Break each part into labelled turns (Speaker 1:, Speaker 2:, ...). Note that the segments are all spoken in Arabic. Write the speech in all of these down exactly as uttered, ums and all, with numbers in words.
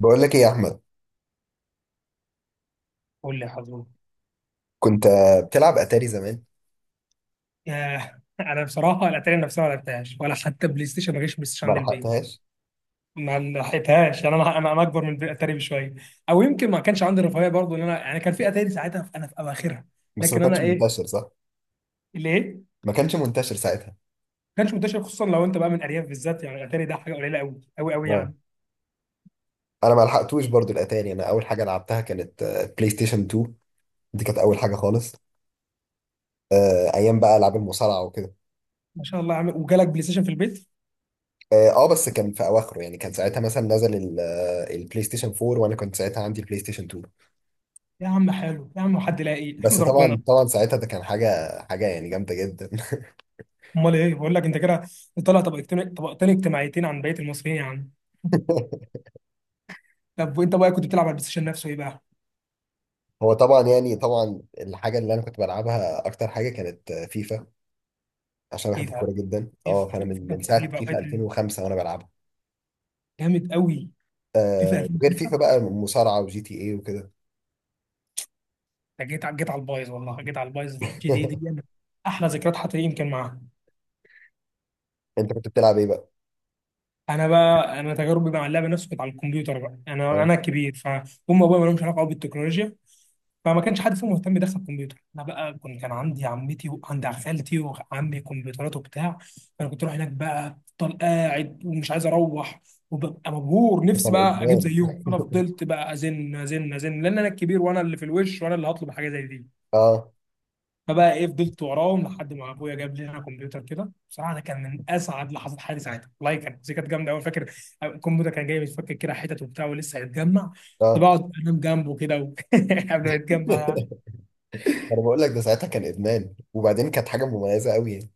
Speaker 1: بقول لك ايه يا احمد.
Speaker 2: قول لي يا حزوم.
Speaker 1: كنت آه، بتلعب اتاري زمان.
Speaker 2: ياه، انا بصراحه الاتاري نفسها ما لعبتهاش، ولا حتى بلاي ستيشن، ما جاش بلاي ستيشن
Speaker 1: ما
Speaker 2: عند البيت.
Speaker 1: لحقتهاش.
Speaker 2: ما لحقتهاش، يعني انا انا أنا اكبر من الاتاري بشويه. او يمكن ما كانش عندي الرفاهيه برضه، ان انا يعني كان في اتاري ساعتها، في انا في اواخرها.
Speaker 1: بس ما
Speaker 2: لكن
Speaker 1: كانش
Speaker 2: انا ايه
Speaker 1: منتشر صح.
Speaker 2: اللي ايه،
Speaker 1: ما كانش منتشر ساعتها.
Speaker 2: ما كانش منتشر، خصوصا لو انت بقى من ارياف بالذات، يعني الاتاري ده حاجه قليله قوي قوي قوي
Speaker 1: اه،
Speaker 2: يعني.
Speaker 1: انا ما لحقتوش برضو الاتاري. انا اول حاجه لعبتها كانت آه، بلاي ستيشن اتنين. دي كانت اول حاجه خالص. آه، ايام بقى العاب المصارعه وكده.
Speaker 2: ما شاء الله يا عم، وجالك بلاي ستيشن في البيت.
Speaker 1: اه آه، بس كان في اواخره، يعني كان ساعتها مثلا نزل ال- آه، البلاي ستيشن اربعة وانا كنت ساعتها عندي البلاي ستيشن اتنين.
Speaker 2: يا عم حلو يا عم، حد لاقي
Speaker 1: بس
Speaker 2: احمد ربنا.
Speaker 1: طبعا طبعا ساعتها ده كان حاجه حاجه يعني جامده جدا.
Speaker 2: امال ايه بقول لك انت كده؟ طالع طبقتين طبقتين اجتماعيتين عن بقيه المصريين يا عم. طب وانت بقى كنت بتلعب على البلاي ستيشن نفسه ايه بقى؟
Speaker 1: هو طبعا، يعني طبعا الحاجه اللي انا كنت بلعبها اكتر حاجه كانت آه، فيفا، عشان بحب
Speaker 2: ايه
Speaker 1: الكوره
Speaker 2: ده؟
Speaker 1: جدا.
Speaker 2: في
Speaker 1: اه، فانا من
Speaker 2: فيفا
Speaker 1: من ساعه
Speaker 2: حبيبي اوقات،
Speaker 1: فيفا ألفين وخمسة وانا بلعبها.
Speaker 2: جامد قوي. فيفا
Speaker 1: آه، غير فيفا
Speaker 2: ألفين وخمسة،
Speaker 1: بقى مصارعه وجي تي اي وكده.
Speaker 2: ده جيت على جيت على البايظ، والله جيت على البايظ، جي تي إيه دي أنا. احلى ذكريات حتى يمكن معاها.
Speaker 1: انت كنت بتلعب ايه بقى؟
Speaker 2: انا بقى انا تجاربي مع اللعبه نفسه كانت على الكمبيوتر بقى، انا
Speaker 1: اه،
Speaker 2: انا كبير فهم. ابويا ما لهمش علاقه قوي بالتكنولوجيا، فما كانش حد فيهم مهتم يدخل كمبيوتر. انا بقى كنت كان عندي عمتي وعند خالتي وعمي كمبيوترات وبتاع، فانا كنت اروح هناك بقى، افضل قاعد ومش عايز اروح، وببقى مبهور
Speaker 1: ده
Speaker 2: نفسي
Speaker 1: كان
Speaker 2: بقى اجيب
Speaker 1: ادمان.
Speaker 2: زيهم. فانا فضلت بقى ازن ازن ازن، لان انا الكبير وانا اللي في الوش وانا اللي هطلب حاجه زي دي.
Speaker 1: اه.
Speaker 2: فبقى ايه، فضلت وراهم لحد ما ابويا جاب لي انا كمبيوتر كده. بصراحه ده كان من اسعد لحظات حياتي ساعتها، والله كانت دي كانت جامده قوي. فاكر الكمبيوتر كان جاي متفكك كده، حتت وبتاع ولسه هيتجمع.
Speaker 1: اه.
Speaker 2: كنت بقعد انام جنبه كده و- قبل ما يتجمع يعني.
Speaker 1: انا بقول لك ده ساعتها كان ادمان، وبعدين كانت حاجه مميزه قوي يعني.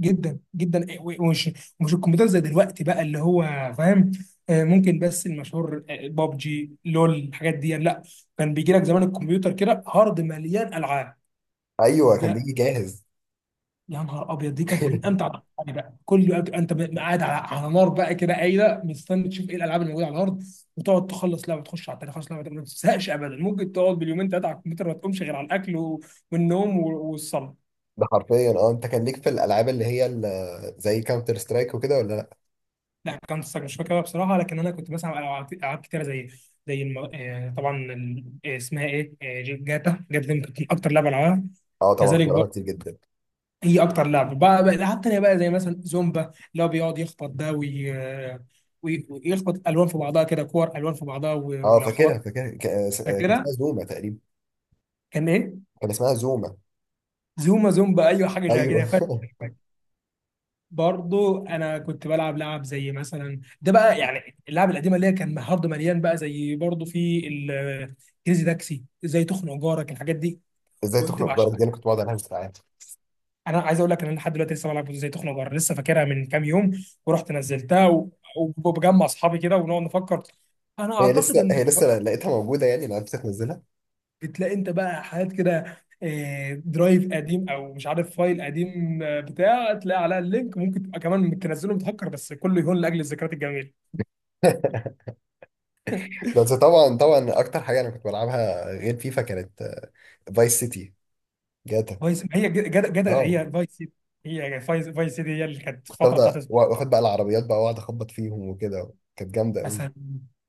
Speaker 2: جدا جدا، ومش ومش الكمبيوتر زي دلوقتي بقى، اللي هو، فاهم، آه، ممكن، بس المشهور آه، بابجي لول الحاجات دي، لا. كان بيجي لك زمان الكمبيوتر كده هارد مليان العاب
Speaker 1: ايوه، كان
Speaker 2: بقى.
Speaker 1: بيجي جاهز.
Speaker 2: يا نهار ابيض، دي كانت من امتع الألعاب بقى، كل وقت انت ب- قاعد على على نار بقى كده، قايله مستني تشوف ايه الالعاب اللي موجوده على الارض. وتقعد تخلص لعبه، تخش على التانيه، تخلص لعبه تانية، ما بتزهقش ابدا. ممكن تقعد باليومين ثلاثه على الكمبيوتر ما تقومش غير على الاكل و- والنوم و- والصلاه.
Speaker 1: ده حرفيا اه. انت كان ليك في الالعاب اللي هي ال- زي كاونتر سترايك وكده ولا لا؟
Speaker 2: لا، كان مش فاكرها بصراحه، لكن انا كنت بسمع العاب ألعاب كتيره، زي زي الم... آه، طبعا، ال- آه، اسمها ايه، آه، ج- جاتا جاتا دي كانت اكتر لعبه العبها.
Speaker 1: اه طبعا، كنت
Speaker 2: كذلك
Speaker 1: بلعبها كتير
Speaker 2: برضه،
Speaker 1: جدا.
Speaker 2: هي اكتر لعبه، بقى بقى العاب تانيه بقى، زي مثلا زومبا، اللي هو بيقعد يخبط ده وي... آه، وي- ويخبط الوان في بعضها كده، كور الوان في بعضها، و...
Speaker 1: اه،
Speaker 2: ولو
Speaker 1: فاكرها
Speaker 2: خبطت
Speaker 1: فاكرها ك- آه، كان اسمها
Speaker 2: كده
Speaker 1: زوما تقريبا.
Speaker 2: كان ايه.
Speaker 1: كان اسمها زوما.
Speaker 2: زوما زومبا، ايوه حاجه زي
Speaker 1: ايوه.
Speaker 2: كده. برضو انا كنت بلعب لعب زي مثلا ده بقى، يعني اللعب القديمه اللي هي كان هارد مليان بقى، زي برضو في ال- كريزي تاكسي، زي تخنق جارك، الحاجات دي.
Speaker 1: ازاي
Speaker 2: كنت
Speaker 1: تخنق جارك دي انا
Speaker 2: بعشقها.
Speaker 1: كنت بقعد العب.
Speaker 2: انا عايز اقول لك ان انا لحد دلوقتي لسه بلعب زي تخنق جارك، لسه فاكرها من كام يوم ورحت نزلتها و- وبجمع اصحابي كده ونقعد نفكر. انا
Speaker 1: هي
Speaker 2: اعتقد
Speaker 1: لسه،
Speaker 2: ان
Speaker 1: هي لسه لقيتها موجودة يعني لو عرفت تنزلها.
Speaker 2: بتلاقي انت بقى حاجات كده، آه، درايف قديم او مش عارف فايل قديم آه، بتاع، تلاقي عليها اللينك، ممكن تبقى كمان تنزله متهكر، بس كله يهون لاجل الذكريات الجميله.
Speaker 1: بس طبعا طبعا أكتر حاجة أنا كنت بلعبها غير فيفا كانت فايس سيتي، جاتا.
Speaker 2: فايس، ما هي جدا جدا
Speaker 1: اه،
Speaker 2: هي فايس سيتي، هي يعني فايس فايس سيتي، هي اللي كانت
Speaker 1: كنت
Speaker 2: الفتره بتاعت
Speaker 1: أفضل
Speaker 2: اسبانيا
Speaker 1: وآخد بقى العربيات بقى وأقعد أخبط فيهم وكده، كانت جامدة أوي.
Speaker 2: مثلا.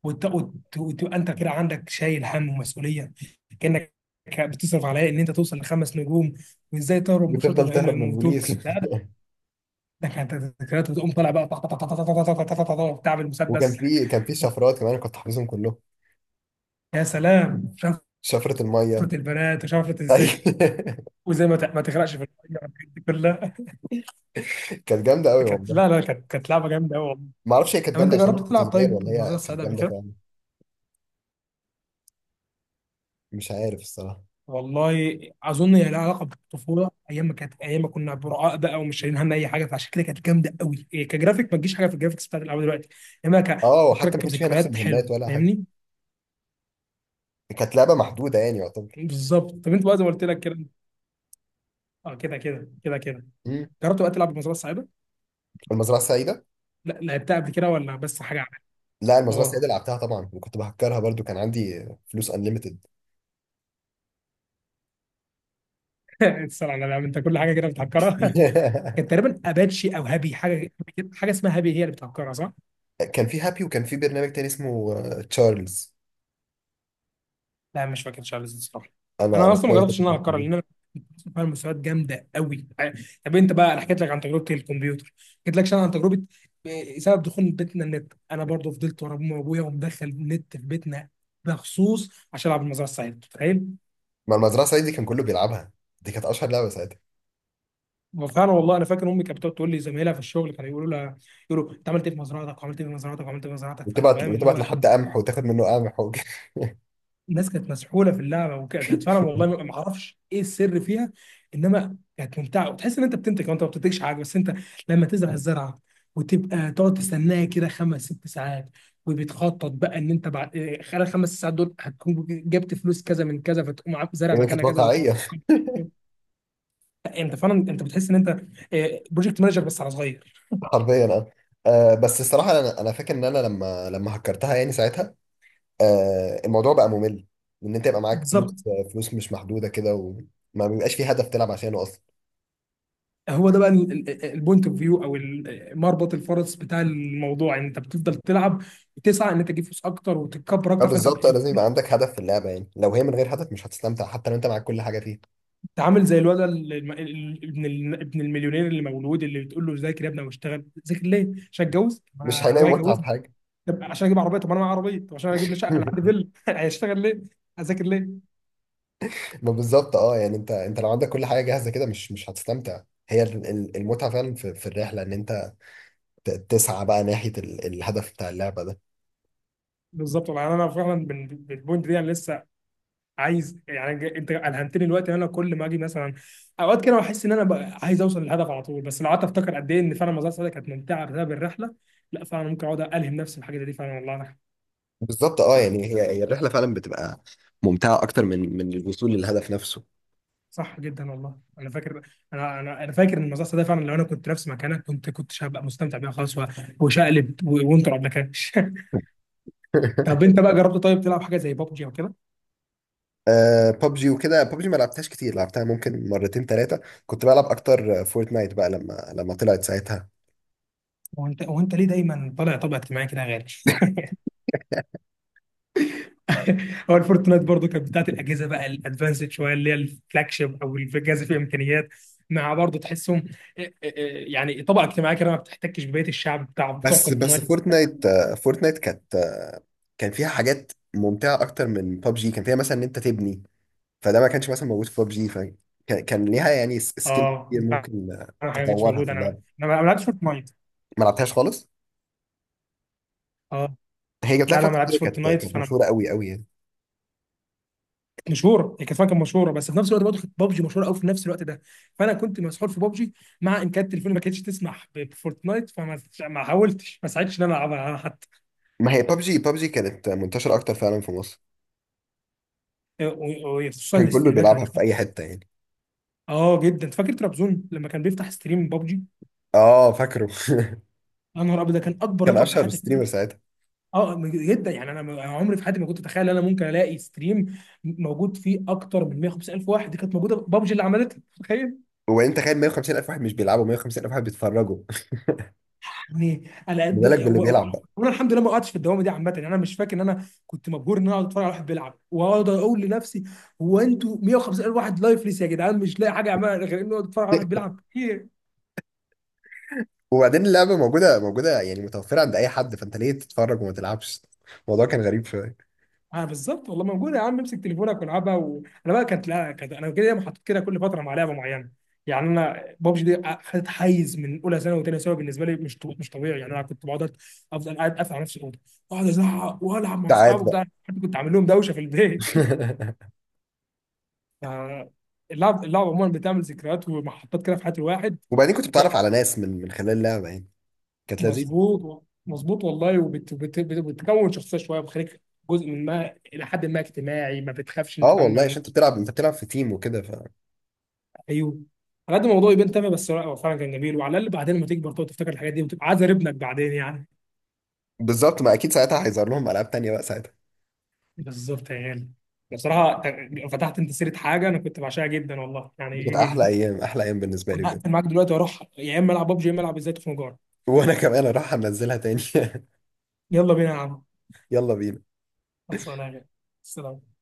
Speaker 2: وت- وت- وتبقى انت كده عندك شايل هم ومسؤوليه، كانك بتصرف على إيه؟ ان انت توصل لخمس نجوم، وازاي تهرب من الشرطه
Speaker 1: وتفضل
Speaker 2: من غير ما
Speaker 1: تهرب من
Speaker 2: يموتوك.
Speaker 1: البوليس.
Speaker 2: لا ده، ده كانت ذكريات، وتقوم طالع بقى طخ- طخ- طخ- طخ- طخ- طخ- طخ- طخ- طخ- بتاع
Speaker 1: وكان
Speaker 2: بالمسدس.
Speaker 1: في، كان في شفرات كمان كنت حافظهم كلهم.
Speaker 2: يا سلام شفرة
Speaker 1: شفرة المية.
Speaker 2: البنات، وشفرة
Speaker 1: أي.
Speaker 2: ازاي وزي ما ت- ما تغرقش في الميه والحاجات دي كلها.
Speaker 1: كانت جامدة أوي
Speaker 2: كانت لا
Speaker 1: والله.
Speaker 2: لا، كانت كانت لعبه جامده قوي والله.
Speaker 1: ما أعرفش هي كانت
Speaker 2: طب انت
Speaker 1: جامدة عشان أنا
Speaker 2: جربت
Speaker 1: كنت
Speaker 2: تلعب
Speaker 1: صغير
Speaker 2: طيب
Speaker 1: ولا
Speaker 2: النظاره
Speaker 1: هي كانت
Speaker 2: السعيده قبل
Speaker 1: جامدة
Speaker 2: كده؟
Speaker 1: فعلا. مش عارف الصراحة.
Speaker 2: والله، اظن هي لها علاقه بالطفوله، ايام ما كانت، ايام ما كنا براء بقى، ومش شايلين هم اي حاجه، فعشان كده كانت جامده قوي. إيه كجرافيك، ما تجيش حاجه في الجرافيكس بتاعت الالعاب دلوقتي، انما
Speaker 1: اه، وحتى
Speaker 2: كفكرك
Speaker 1: ما كانش فيها نفس
Speaker 2: كذكريات حلوه،
Speaker 1: المهمات ولا حاجة.
Speaker 2: فاهمني.
Speaker 1: كانت لعبة محدودة يعني يعتبر.
Speaker 2: بالظبط. طب انت بقى زي ما قلت لك كده، اه كده كده كده كده،
Speaker 1: مم.
Speaker 2: جربت بقى تلعب المزرعه السعيده؟
Speaker 1: المزرعة السعيدة.
Speaker 2: لا لعبتها قبل كده، ولا بس حاجه عنها؟
Speaker 1: لا، المزرعة السعيدة
Speaker 2: اه.
Speaker 1: لعبتها طبعا، وكنت بهكرها برضو. كان عندي فلوس انليمتد.
Speaker 2: تسأل على الألعاب، انت كل حاجه كده بتهكرها. كانت تقريبا اباتشي او هابي حاجه، حاجه اسمها هابي هي اللي بتهكرها صح؟
Speaker 1: كان في هابي، وكان في برنامج تاني اسمه آه، تشارلز.
Speaker 2: لا مش فاكر شارلز الصراحه.
Speaker 1: انا
Speaker 2: انا
Speaker 1: انا
Speaker 2: اصلا ما
Speaker 1: تشارلز ده
Speaker 2: جربتش
Speaker 1: كنت
Speaker 2: ان انا اهكرها،
Speaker 1: بستخدمه.
Speaker 2: لان فعلا مستويات جامده قوي. طب انت بقى، انا حكيت لك عن تجربه الكمبيوتر، حكيت لك عن تجربه آه، سبب دخول بيتنا النت. انا برضو فضلت ورا امي وابويا ومدخل النت في بيتنا بخصوص عشان العب المزرعه السعيده، تخيل.
Speaker 1: ما المزرعة السعيدة دي كان كله بيلعبها. دي كانت اشهر لعبة ساعتها.
Speaker 2: وفعلا والله انا فاكر امي كانت بتقعد تقول لي زمايلها في الشغل كانوا يقولوا لها، يقولوا انت عملت ايه في مزرعتك وعملت ايه في مزرعتك وعملت ايه في مزرعتك، فانت
Speaker 1: وتبعت
Speaker 2: فاهم اللي
Speaker 1: وتبعت
Speaker 2: هو
Speaker 1: لحد قمح وتاخد منه قمح وك-
Speaker 2: الناس كانت مسحوله في اللعبه. وكانت فعلا والله، ما ما اعرفش ايه السر فيها، انما كانت ممتعه، وتحس ان انت بتنتج وانت ما بتنتجش حاجه، بس انت لما تزرع الزرعه وتبقى تقعد تستناها كده خمس ست ساعات، وبتخطط بقى ان انت بعد إيه، خلال خمس ساعات دول هتكون جبت فلوس كذا من كذا، فتقوم عامل زرع
Speaker 1: يعني كانت
Speaker 2: مكانها كذا وتقعد.
Speaker 1: واقعية.
Speaker 2: لا، انت فعلا انت بتحس ان انت بروجكت مانجر بس على صغير.
Speaker 1: حرفيا اه. آه، بس الصراحة انا انا فاكر ان انا لما لما هكرتها يعني ساعتها آه، الموضوع بقى ممل. ان انت يبقى معاك فلوس،
Speaker 2: بالظبط.
Speaker 1: آه، فلوس مش محدودة كده، وما بيبقاش في هدف تلعب عشانه.
Speaker 2: هو ده بقى البوينت اوف فيو، او ال- مربط الفرس بتاع الموضوع، ان انت بتفضل تلعب، وتسعى ان انت تجيب فلوس اكتر وتتكبر
Speaker 1: اه
Speaker 2: اكتر، فانت
Speaker 1: بالظبط. اه،
Speaker 2: انت
Speaker 1: لازم يبقى عندك هدف في اللعبه، يعني لو هي من غير هدف مش هتستمتع حتى لو انت معاك كل حاجه فيها.
Speaker 2: عامل زي الولد ال- الم- ال- ابن ال- ابن المليونير اللي مولود، اللي بتقول له ذاكر يا ابني واشتغل، ذاكر ليه؟ عشان اتجوز؟
Speaker 1: مش
Speaker 2: ما
Speaker 1: هيلاقي
Speaker 2: ابويا
Speaker 1: متعه في
Speaker 2: هيجوزني.
Speaker 1: حاجه.
Speaker 2: طب عشان اجيب عربيه؟ طب انا معايا عربيه. طب عشان اجيب لي شقه؟ انا عندي فيلا. هشتغل ليه؟ هذاكر ليه؟
Speaker 1: ما بالظبط اه. يعني انت، انت لو عندك كل حاجه جاهزه كده مش مش هتستمتع. هي ال- ال- المتعه فعلا في، في الرحله، ان انت ت- تسعى بقى ناحيه ال- الهدف بتاع اللعبه ده.
Speaker 2: بالظبط، والله انا فعلا من من البوينت دي، انا لسه عايز يعني، ج- انت الهمتني دلوقتي ان انا كل ما اجي مثلا اوقات كده، بحس ان انا بقى عايز اوصل للهدف على طول. بس لو قعدت افتكر قد ايه ان فعلا مزرعه سعاده كانت ممتعه بسبب الرحله، لا فعلا ممكن اقعد الهم نفسي الحاجه دي فعلا، والله أنا.
Speaker 1: بالظبط اه. يعني هي، هي الرحله فعلا بتبقى ممتعه اكتر من من الوصول للهدف نفسه.
Speaker 2: صح جدا والله، انا فاكر، انا انا انا فاكر ان مزرعه سعاده فعلا، لو انا كنت نفس مكانك كنت كنت هبقى مستمتع بيها خالص و- وشقلب و- وانت ما كانش. طب انت بقى جربت طيب تلعب حاجه زي بابجي او كده؟
Speaker 1: آه ببجي وكده. ببجي ما لعبتهاش كتير، لعبتها ممكن مرتين ثلاثه. كنت بلعب اكتر فورتنايت بقى لما لما طلعت ساعتها.
Speaker 2: وانت وانت ليه دايما طالع طبع اجتماعي كده يا غالي؟ هو الفورتنايت برضو كانت بتاعت الاجهزه بقى الادفانسد شويه، اللي هي الفلاج شيب، او الجهاز فيه امكانيات، مع برضو تحسهم إيه- إيه- إيه، يعني طبقه اجتماعيه كده ما بتحتكش ببقيه الشعب بتاع بتوع
Speaker 1: بس بس
Speaker 2: فورتنايت.
Speaker 1: فورتنايت، آه، فورتنايت كانت آه، كان فيها حاجات ممتعة أكتر من ببجي. كان فيها مثلا إن أنت تبني، فده ما كانش مثلا موجود في ببجي، فكان، كان ليها يعني س- سكيل
Speaker 2: اه
Speaker 1: كتير
Speaker 2: فعلاً،
Speaker 1: ممكن آه،
Speaker 2: حاجه مش
Speaker 1: تطورها في
Speaker 2: موجوده، انا
Speaker 1: اللعبة.
Speaker 2: انا ما لعبتش فورتنايت.
Speaker 1: ما لعبتهاش خالص.
Speaker 2: اه،
Speaker 1: هي جات لها
Speaker 2: لا لا
Speaker 1: فترة
Speaker 2: ما لعبتش
Speaker 1: كده، كانت
Speaker 2: فورتنايت
Speaker 1: كانت
Speaker 2: فانا.
Speaker 1: مشهورة قوي قوي يعني.
Speaker 2: كانت مشهوره، هي كانت فعلاً كانت مشهوره، بس في نفس الوقت برضه كانت بابجي مشهوره قوي في نفس الوقت ده، فانا كنت مسحور في بابجي، مع ان كانت تليفوني ما كانتش تسمح ب- بفورتنايت، فما ما حاولتش ما ساعدتش ان انا العبها حتى.
Speaker 1: ما هي ببجي، ببجي كانت منتشرة أكتر فعلا في مصر.
Speaker 2: وخصوصا
Speaker 1: كان كله
Speaker 2: الاستريمات لو،
Speaker 1: بيلعبها في أي حتة يعني.
Speaker 2: اه جدا، فاكر ترابزون لما كان بيفتح ستريم بابجي.
Speaker 1: آه فاكره.
Speaker 2: يا نهار ابيض، ده كان اكبر
Speaker 1: كان
Speaker 2: رقم في
Speaker 1: أشهر
Speaker 2: حياتي أشوفه.
Speaker 1: ستريمر ساعتها.
Speaker 2: اه م- جدا، يعني انا م- أنا عمري في حياتي ما كنت اتخيل ان انا ممكن الاقي ستريم موجود فيه اكتر من مائة وخمسين ألف واحد. دي كانت موجوده بابجي اللي عملتها، تخيل.
Speaker 1: وأنت تخيل مية وخمسين ألف واحد، مش بيلعبوا، مية وخمسين ألف واحد بيتفرجوا.
Speaker 2: يعني على
Speaker 1: ما
Speaker 2: قد
Speaker 1: بالك باللي
Speaker 2: و- و-
Speaker 1: بيلعب بقى.
Speaker 2: وانا الحمد لله ما قعدتش في الدوامه دي عامه، يعني انا مش فاكر ان انا كنت مبهور ان انا اقعد اتفرج على واحد بيلعب، واقعد اقول لنفسي، هو انتوا مية وخمسين ألف واحد لايفلس يا جدعان؟ مش لاقي حاجه اعملها غير انه اتفرج على واحد بيلعب؟
Speaker 1: وبعدين اللعبة موجودة موجودة يعني متوفرة عند أي حد، فأنت ليه تتفرج وما تلعبش؟ الموضوع كان غريب شوية.
Speaker 2: اه بالظبط والله، موجوده يا عم، امسك تليفونك والعبها و... انا بقى كانت لا، كانت انا كده دايما حاطط كده كل فتره مع لعبه معينه. يعني انا بابجي دي خدت حيز من اولى ثانوي وثانيه ثانوي، بالنسبه لي مش طو- مش طبيعي، يعني انا كنت بقعد افضل قاعد قافل على نفسي الاوضه، اقعد ازعق والعب مع
Speaker 1: ساعات
Speaker 2: اصحابي
Speaker 1: بقى.
Speaker 2: وبتاع، حتى كنت عامل لهم دوشه في البيت. فاللعب اللعب عموما بتعمل ذكريات ومحطات كده في حياه الواحد.
Speaker 1: وبعدين كنت بتعرف على ناس من من خلال اللعبة يعني، كانت لذيذة.
Speaker 2: مظبوط مظبوط والله، وبتكون شخصيه شويه بتخليك جزء من، ما الى حد ما اجتماعي، ما بتخافش انت
Speaker 1: اه
Speaker 2: تتعامل
Speaker 1: والله،
Speaker 2: مع.
Speaker 1: عشان انت بتلعب، انت بتلعب في تيم وكده ف...
Speaker 2: ايوه، على قد الموضوع يبان تافه، بس هو فعلا كان جميل، وعلى الاقل بعدين لما تكبر تقعد تفتكر الحاجات دي وتبقى عازر ابنك بعدين يعني.
Speaker 1: بالظبط. ما اكيد ساعتها هيظهر لهم العاب تانية بقى ساعتها.
Speaker 2: بالظبط يا غالي. بصراحه ت- فتحت انت سيره حاجه انا كنت بعشقها جدا والله
Speaker 1: كانت احلى
Speaker 2: يعني.
Speaker 1: ايام، احلى ايام بالنسبة لي بجد.
Speaker 2: هقفل معاك دلوقتي واروح، يا اما العب ببجي يا اما العب ازاي تخنجار.
Speaker 1: وانا كمان اروح انزلها تاني.
Speaker 2: يلا بينا يا عم.
Speaker 1: يلا بينا.
Speaker 2: خلصانه يا غالي. السلام.